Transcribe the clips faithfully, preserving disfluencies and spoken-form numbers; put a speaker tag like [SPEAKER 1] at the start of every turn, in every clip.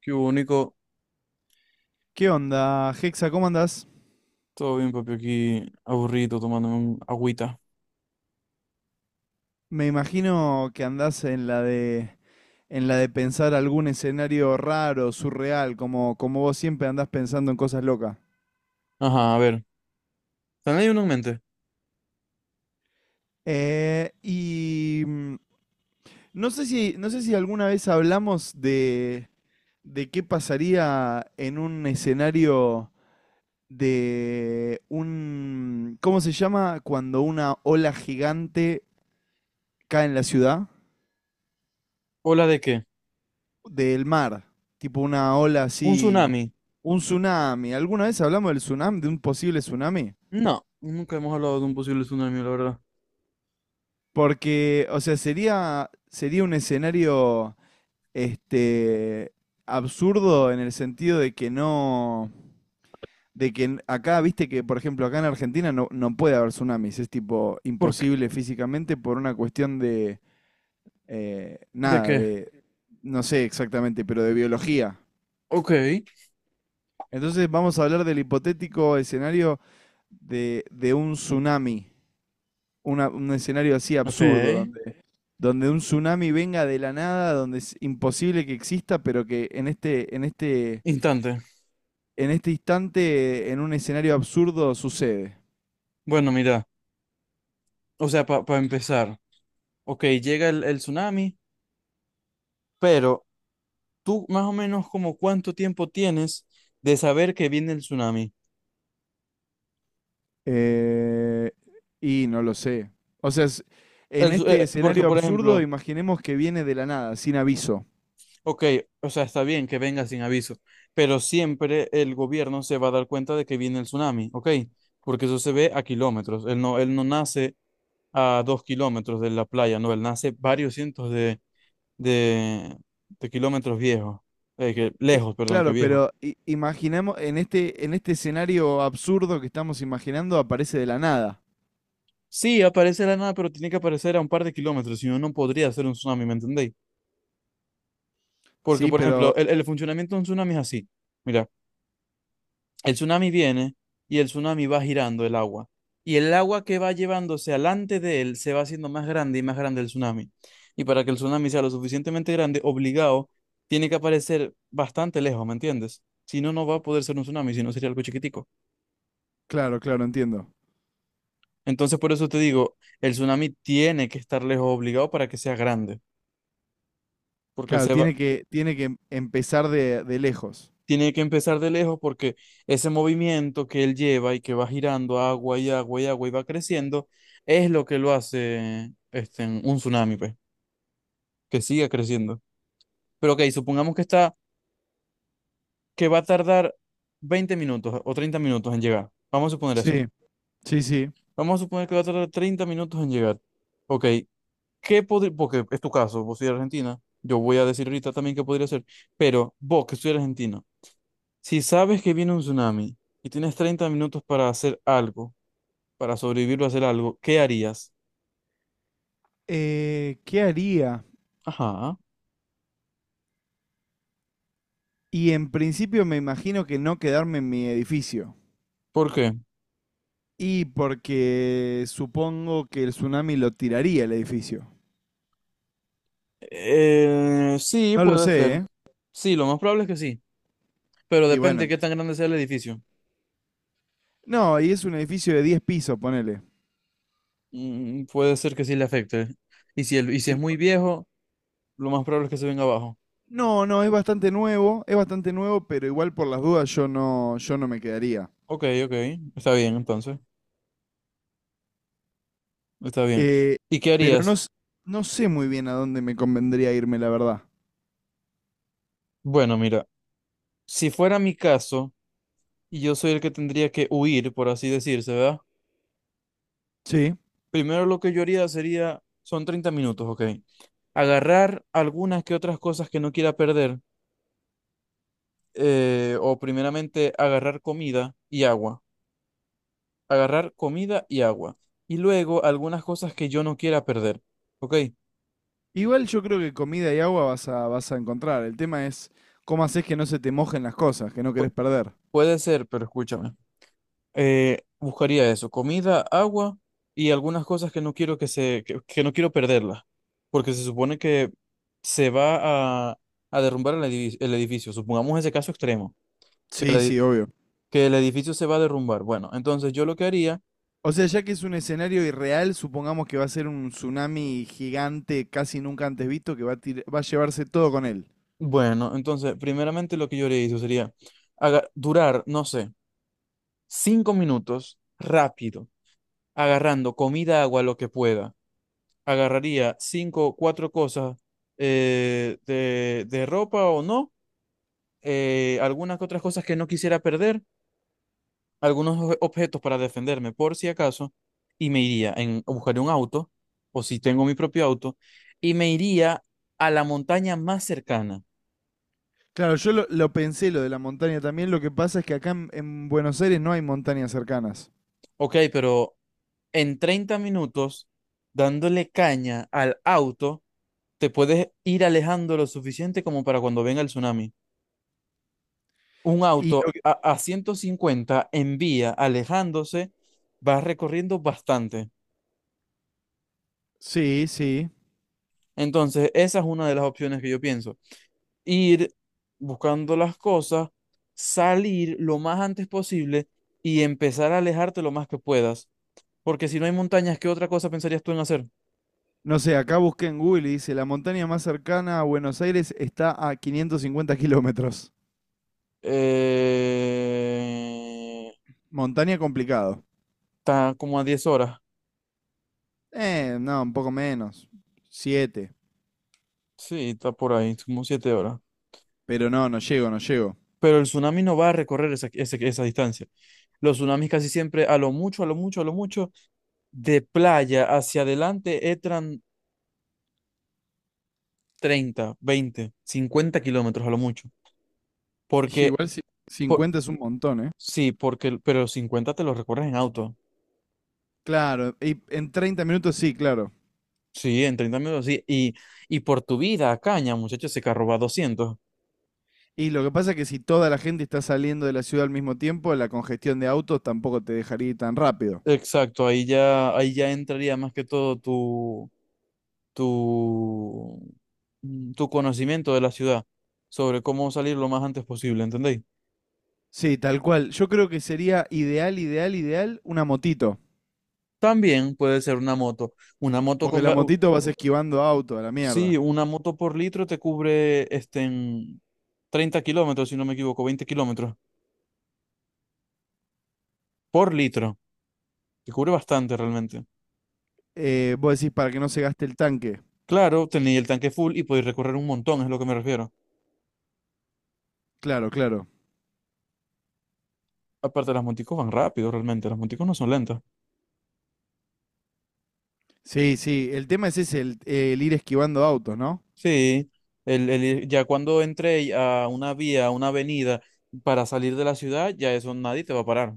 [SPEAKER 1] Qué único.
[SPEAKER 2] ¿Qué onda, Hexa? ¿Cómo andás?
[SPEAKER 1] Todo bien, papi, aquí aburrido tomándome un agüita.
[SPEAKER 2] Me imagino que andás en la de en la de pensar algún escenario raro, surreal, como, como vos siempre andás pensando en cosas locas.
[SPEAKER 1] Ajá, a ver. ¿Tenéis uno en mente?
[SPEAKER 2] Eh, y mm, no sé si, no sé si alguna vez hablamos de, de qué pasaría en un escenario de un, ¿cómo se llama? Cuando una ola gigante cae en la ciudad.
[SPEAKER 1] ¿Ola de qué?
[SPEAKER 2] Del mar, tipo una ola
[SPEAKER 1] ¿Un
[SPEAKER 2] así,
[SPEAKER 1] tsunami?
[SPEAKER 2] un tsunami. ¿Alguna vez hablamos del tsunami, de un posible tsunami?
[SPEAKER 1] No, nunca hemos hablado de un posible tsunami, la verdad.
[SPEAKER 2] Porque, o sea, sería, sería un escenario, este, absurdo en el sentido de que no, de que n- acá, viste que, por ejemplo, acá en Argentina no, no puede haber tsunamis, es tipo
[SPEAKER 1] ¿Por qué?
[SPEAKER 2] imposible físicamente por una cuestión de, eh,
[SPEAKER 1] ¿De
[SPEAKER 2] nada,
[SPEAKER 1] qué?
[SPEAKER 2] de, no sé exactamente, pero de biología.
[SPEAKER 1] Ok,
[SPEAKER 2] Entonces vamos a hablar del hipotético escenario de, de un tsunami, una- un escenario así
[SPEAKER 1] ok.
[SPEAKER 2] absurdo, donde, donde un tsunami venga de la nada, donde es imposible que exista, pero que en este, en este,
[SPEAKER 1] Instante.
[SPEAKER 2] en este instante, en un escenario absurdo, sucede.
[SPEAKER 1] Bueno, mira, o sea, para empezar. Ok, llega el, el tsunami, pero tú más o menos como cuánto tiempo tienes de saber que viene el tsunami.
[SPEAKER 2] Eh, y no lo sé. O sea, es-
[SPEAKER 1] El
[SPEAKER 2] en
[SPEAKER 1] tsu-
[SPEAKER 2] este
[SPEAKER 1] eh, porque,
[SPEAKER 2] escenario
[SPEAKER 1] por
[SPEAKER 2] absurdo,
[SPEAKER 1] ejemplo,
[SPEAKER 2] imaginemos que viene de la nada, sin aviso.
[SPEAKER 1] ok, o sea, está bien que venga sin aviso, pero siempre el gobierno se va a dar cuenta de que viene el tsunami, ok, porque eso se ve a kilómetros. Él no, él no nace a dos kilómetros de la playa, no, él nace varios cientos de, de, de kilómetros viejos, eh, que,
[SPEAKER 2] Cl-
[SPEAKER 1] lejos, perdón, que
[SPEAKER 2] Claro,
[SPEAKER 1] viejos.
[SPEAKER 2] pero i- imaginemos, en este, en este escenario absurdo que estamos imaginando, aparece de la nada.
[SPEAKER 1] Sí, aparece de la nada, pero tiene que aparecer a un par de kilómetros, si no, no podría ser un tsunami, ¿me entendéis? Porque,
[SPEAKER 2] Sí,
[SPEAKER 1] por ejemplo,
[SPEAKER 2] pero
[SPEAKER 1] el, el funcionamiento de un tsunami es así. Mira. El tsunami viene y el tsunami va girando el agua. Y el agua que va llevándose alante de él se va haciendo más grande y más grande el tsunami. Y para que el tsunami sea lo suficientemente grande, obligado, tiene que aparecer bastante lejos, ¿me entiendes? Si no, no va a poder ser un tsunami, si no sería algo chiquitico.
[SPEAKER 2] claro, claro, entiendo.
[SPEAKER 1] Entonces, por eso te digo, el tsunami tiene que estar lejos obligado para que sea grande, porque él
[SPEAKER 2] Claro,
[SPEAKER 1] se va,
[SPEAKER 2] tiene que, tiene que em- empezar de, de lejos.
[SPEAKER 1] tiene que empezar de lejos porque ese movimiento que él lleva y que va girando agua y agua y agua y va creciendo, es lo que lo hace este, un tsunami, pues, que siga creciendo. Pero ok, supongamos que está, que va a tardar veinte minutos o treinta minutos en llegar. Vamos a suponer eso.
[SPEAKER 2] Sí, sí, sí.
[SPEAKER 1] Vamos a suponer que va a tardar treinta minutos en llegar. Ok, ¿qué podría, porque es tu caso, vos soy de Argentina, yo voy a decir ahorita también qué podría ser, pero vos que soy argentino, si sabes que viene un tsunami y tienes treinta minutos para hacer algo, para sobrevivir o hacer algo, ¿qué harías?
[SPEAKER 2] Eh, ¿qué haría?
[SPEAKER 1] Ajá.
[SPEAKER 2] Y en principio me imagino que no quedarme en mi edificio.
[SPEAKER 1] ¿Por qué?
[SPEAKER 2] Y porque supongo que el tsunami lo tiraría el edificio.
[SPEAKER 1] Eh, sí,
[SPEAKER 2] No lo
[SPEAKER 1] puede
[SPEAKER 2] sé,
[SPEAKER 1] ser.
[SPEAKER 2] ¿eh?
[SPEAKER 1] Sí, lo más probable es que sí, pero
[SPEAKER 2] Y
[SPEAKER 1] depende de
[SPEAKER 2] bueno.
[SPEAKER 1] qué tan grande sea el edificio.
[SPEAKER 2] No, y es un edificio de diez pisos, ponele.
[SPEAKER 1] Mm, puede ser que sí le afecte. Y si, el, y si es muy viejo, lo más probable es que se venga abajo.
[SPEAKER 2] No, no, es bastante nuevo, es bastante nuevo, pero igual por las dudas yo no, yo no me quedaría.
[SPEAKER 1] Ok, ok, está bien entonces, está bien.
[SPEAKER 2] Eh,
[SPEAKER 1] ¿Y qué
[SPEAKER 2] pero no,
[SPEAKER 1] harías?
[SPEAKER 2] s- no sé muy bien a dónde me convendría irme, la verdad.
[SPEAKER 1] Bueno, mira, si fuera mi caso y yo soy el que tendría que huir, por así decirse, ¿verdad?
[SPEAKER 2] Sí.
[SPEAKER 1] Primero lo que yo haría sería, son treinta minutos, ok. Agarrar algunas que otras cosas que no quiera perder, eh, o primeramente agarrar comida y agua, agarrar comida y agua, y luego algunas cosas que yo no quiera perder, ¿ok?
[SPEAKER 2] Igual yo creo que comida y agua vas a, vas a encontrar. El tema es cómo haces que no se te mojen las cosas, que no querés
[SPEAKER 1] Pu-
[SPEAKER 2] perder.
[SPEAKER 1] Puede ser, pero escúchame, eh, buscaría eso, comida, agua y algunas cosas que no quiero que se, que, que no quiero perderlas, porque se supone que se va a, a derrumbar el edificio, el edificio, supongamos ese caso extremo, que el
[SPEAKER 2] Sí,
[SPEAKER 1] edi-
[SPEAKER 2] sí, obvio.
[SPEAKER 1] que el edificio se va a derrumbar. Bueno, entonces yo lo que haría.
[SPEAKER 2] O sea, ya que es un escenario irreal, supongamos que va a ser un tsunami gigante, casi nunca antes visto, que va a, tir- va a llevarse todo con él.
[SPEAKER 1] Bueno, entonces, primeramente lo que yo haría eso sería aga- durar, no sé, cinco minutos rápido, agarrando comida, agua, lo que pueda. Agarraría cinco, cuatro cosas eh, de, de ropa o no, eh, algunas que otras cosas que no quisiera perder, algunos obje- objetos para defenderme por si acaso, y me iría en, buscar un auto, o si tengo mi propio auto, y me iría a la montaña más cercana.
[SPEAKER 2] Claro, yo lo, lo pensé lo de la montaña también. Lo que pasa es que acá en, en Buenos Aires no hay montañas cercanas.
[SPEAKER 1] Ok, pero en treinta minutos, dándole caña al auto, te puedes ir alejando lo suficiente como para cuando venga el tsunami. Un
[SPEAKER 2] Y lo
[SPEAKER 1] auto
[SPEAKER 2] que,
[SPEAKER 1] a, a ciento cincuenta en vía, alejándose, va recorriendo bastante.
[SPEAKER 2] sí, sí.
[SPEAKER 1] Entonces, esa es una de las opciones que yo pienso. Ir buscando las cosas, salir lo más antes posible y empezar a alejarte lo más que puedas. Porque si no hay montañas, ¿qué otra cosa pensarías tú en hacer?
[SPEAKER 2] No sé, acá busqué en Google y dice, la montaña más cercana a Buenos Aires está a quinientos cincuenta kilómetros.
[SPEAKER 1] Eh...
[SPEAKER 2] Montaña complicado.
[SPEAKER 1] Está como a diez horas.
[SPEAKER 2] Eh, no, un poco menos. Siete.
[SPEAKER 1] Sí, está por ahí, como siete horas.
[SPEAKER 2] Pero no, no llego, no llego.
[SPEAKER 1] Pero el tsunami no va a recorrer esa, ese- esa distancia. Los tsunamis casi siempre, a lo mucho, a lo mucho, a lo mucho, de playa hacia adelante, entran treinta veinte cincuenta kilómetros a lo mucho. Porque,
[SPEAKER 2] Igual si
[SPEAKER 1] por-
[SPEAKER 2] cincuenta es un montón, ¿eh?
[SPEAKER 1] sí, porque, pero cincuenta te los recorres en auto.
[SPEAKER 2] Claro, y en treinta minutos sí, claro.
[SPEAKER 1] Sí, en treinta minutos, sí. Y, y por tu vida, caña, muchachos, ese carro va a doscientos.
[SPEAKER 2] Y lo que pasa es que si toda la gente está saliendo de la ciudad al mismo tiempo, la congestión de autos tampoco te dejaría ir tan rápido.
[SPEAKER 1] Exacto, ahí ya, ahí ya entraría más que todo tu, mm, tu conocimiento de la ciudad sobre cómo salir lo más antes posible, ¿entendéis?
[SPEAKER 2] Sí, tal cual. Yo creo que sería ideal, ideal, ideal una motito.
[SPEAKER 1] También puede ser una moto. Una moto
[SPEAKER 2] Porque
[SPEAKER 1] con...
[SPEAKER 2] la
[SPEAKER 1] ga- u-
[SPEAKER 2] motito vas esquivando auto a la
[SPEAKER 1] Sí,
[SPEAKER 2] mierda.
[SPEAKER 1] una moto por litro te cubre este, en treinta kilómetros, si no me equivoco, veinte kilómetros por litro. Te cubre bastante realmente.
[SPEAKER 2] Eh, vos decís para que no se gaste el tanque.
[SPEAKER 1] Claro, tenéis el tanque full y podéis recorrer un montón, es lo que me refiero.
[SPEAKER 2] Claro, claro.
[SPEAKER 1] Aparte, las moticos van rápido realmente, las moticos no son lentas.
[SPEAKER 2] Sí, sí. El tema es ese, el, el ir esquivando autos, ¿no?
[SPEAKER 1] Sí, el, el- ya cuando entré a una vía, a una avenida para salir de la ciudad, ya eso nadie te va a parar.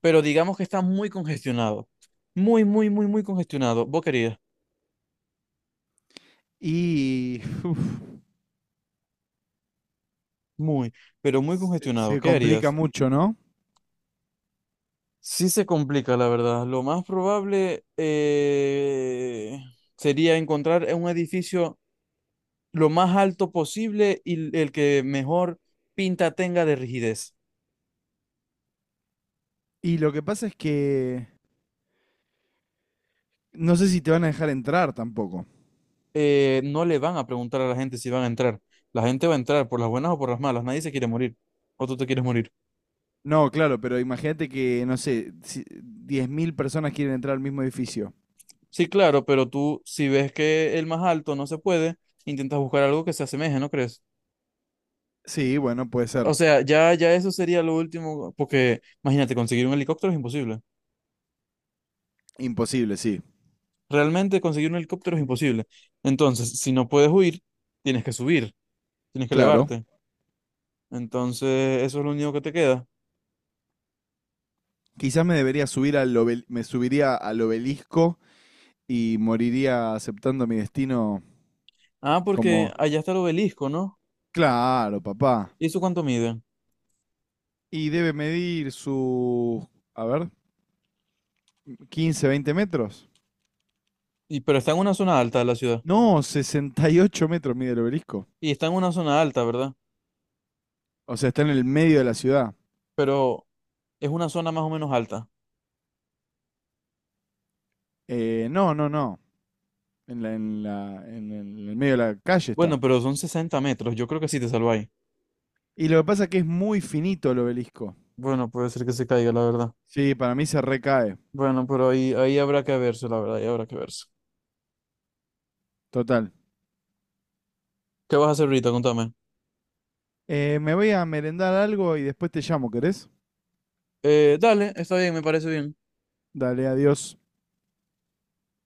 [SPEAKER 1] Pero digamos que está muy congestionado. Muy, muy, muy, muy congestionado. ¿Vos querías?
[SPEAKER 2] Y uf,
[SPEAKER 1] Muy, pero muy
[SPEAKER 2] se,
[SPEAKER 1] congestionado.
[SPEAKER 2] se
[SPEAKER 1] ¿Qué
[SPEAKER 2] complica
[SPEAKER 1] harías?
[SPEAKER 2] mucho, ¿no?
[SPEAKER 1] Sí se complica, la verdad. Lo más probable eh, sería encontrar un edificio lo más alto posible y el que mejor pinta tenga de rigidez.
[SPEAKER 2] Y lo que pasa es que no sé si te van a dejar entrar tampoco.
[SPEAKER 1] Eh, no le van a preguntar a la gente si van a entrar. La gente va a entrar por las buenas o por las malas. Nadie se quiere morir. O tú te quieres morir.
[SPEAKER 2] No, claro, pero imagínate que, no sé, si diez mil personas quieren entrar al mismo edificio.
[SPEAKER 1] Sí, claro, pero tú, si ves que el más alto no se puede, intentas buscar algo que se asemeje, ¿no crees?
[SPEAKER 2] Sí, bueno, puede ser.
[SPEAKER 1] O sea, ya, ya eso sería lo último, porque imagínate, conseguir un helicóptero es imposible.
[SPEAKER 2] Imposible, sí.
[SPEAKER 1] Realmente conseguir un helicóptero es imposible. Entonces, si no puedes huir, tienes que subir, tienes que
[SPEAKER 2] Claro.
[SPEAKER 1] elevarte. Entonces, eso es lo único que te queda.
[SPEAKER 2] Quizás me debería subir al obel- me subiría al obelisco y moriría aceptando mi destino
[SPEAKER 1] Ah, porque
[SPEAKER 2] como,
[SPEAKER 1] allá está el obelisco, ¿no?
[SPEAKER 2] claro, papá.
[SPEAKER 1] ¿Y eso cuánto mide?
[SPEAKER 2] Y debe medir sus, a ver, quince, veinte metros.
[SPEAKER 1] Y, pero está en una zona alta de la ciudad.
[SPEAKER 2] No, sesenta y ocho metros mide el obelisco.
[SPEAKER 1] Y está en una zona alta, ¿verdad?
[SPEAKER 2] O sea, está en el medio de la ciudad.
[SPEAKER 1] Pero es una zona más o menos alta.
[SPEAKER 2] Eh, no, no, no. En la- en la- en el en el medio de la calle
[SPEAKER 1] Bueno,
[SPEAKER 2] está.
[SPEAKER 1] pero son sesenta metros. Yo creo que sí te salváis.
[SPEAKER 2] Y lo que pasa es que es muy finito el obelisco.
[SPEAKER 1] Bueno, puede ser que se caiga, la verdad.
[SPEAKER 2] Sí, para mí se recae.
[SPEAKER 1] Bueno, pero ahí, ahí habrá que verse, la verdad, ahí habrá que verse.
[SPEAKER 2] Total.
[SPEAKER 1] ¿Qué vas a hacer ahorita? Contame.
[SPEAKER 2] Eh, me voy a merendar algo y después te llamo, ¿querés?
[SPEAKER 1] Eh, dale, está bien, me parece bien.
[SPEAKER 2] Dale, adiós.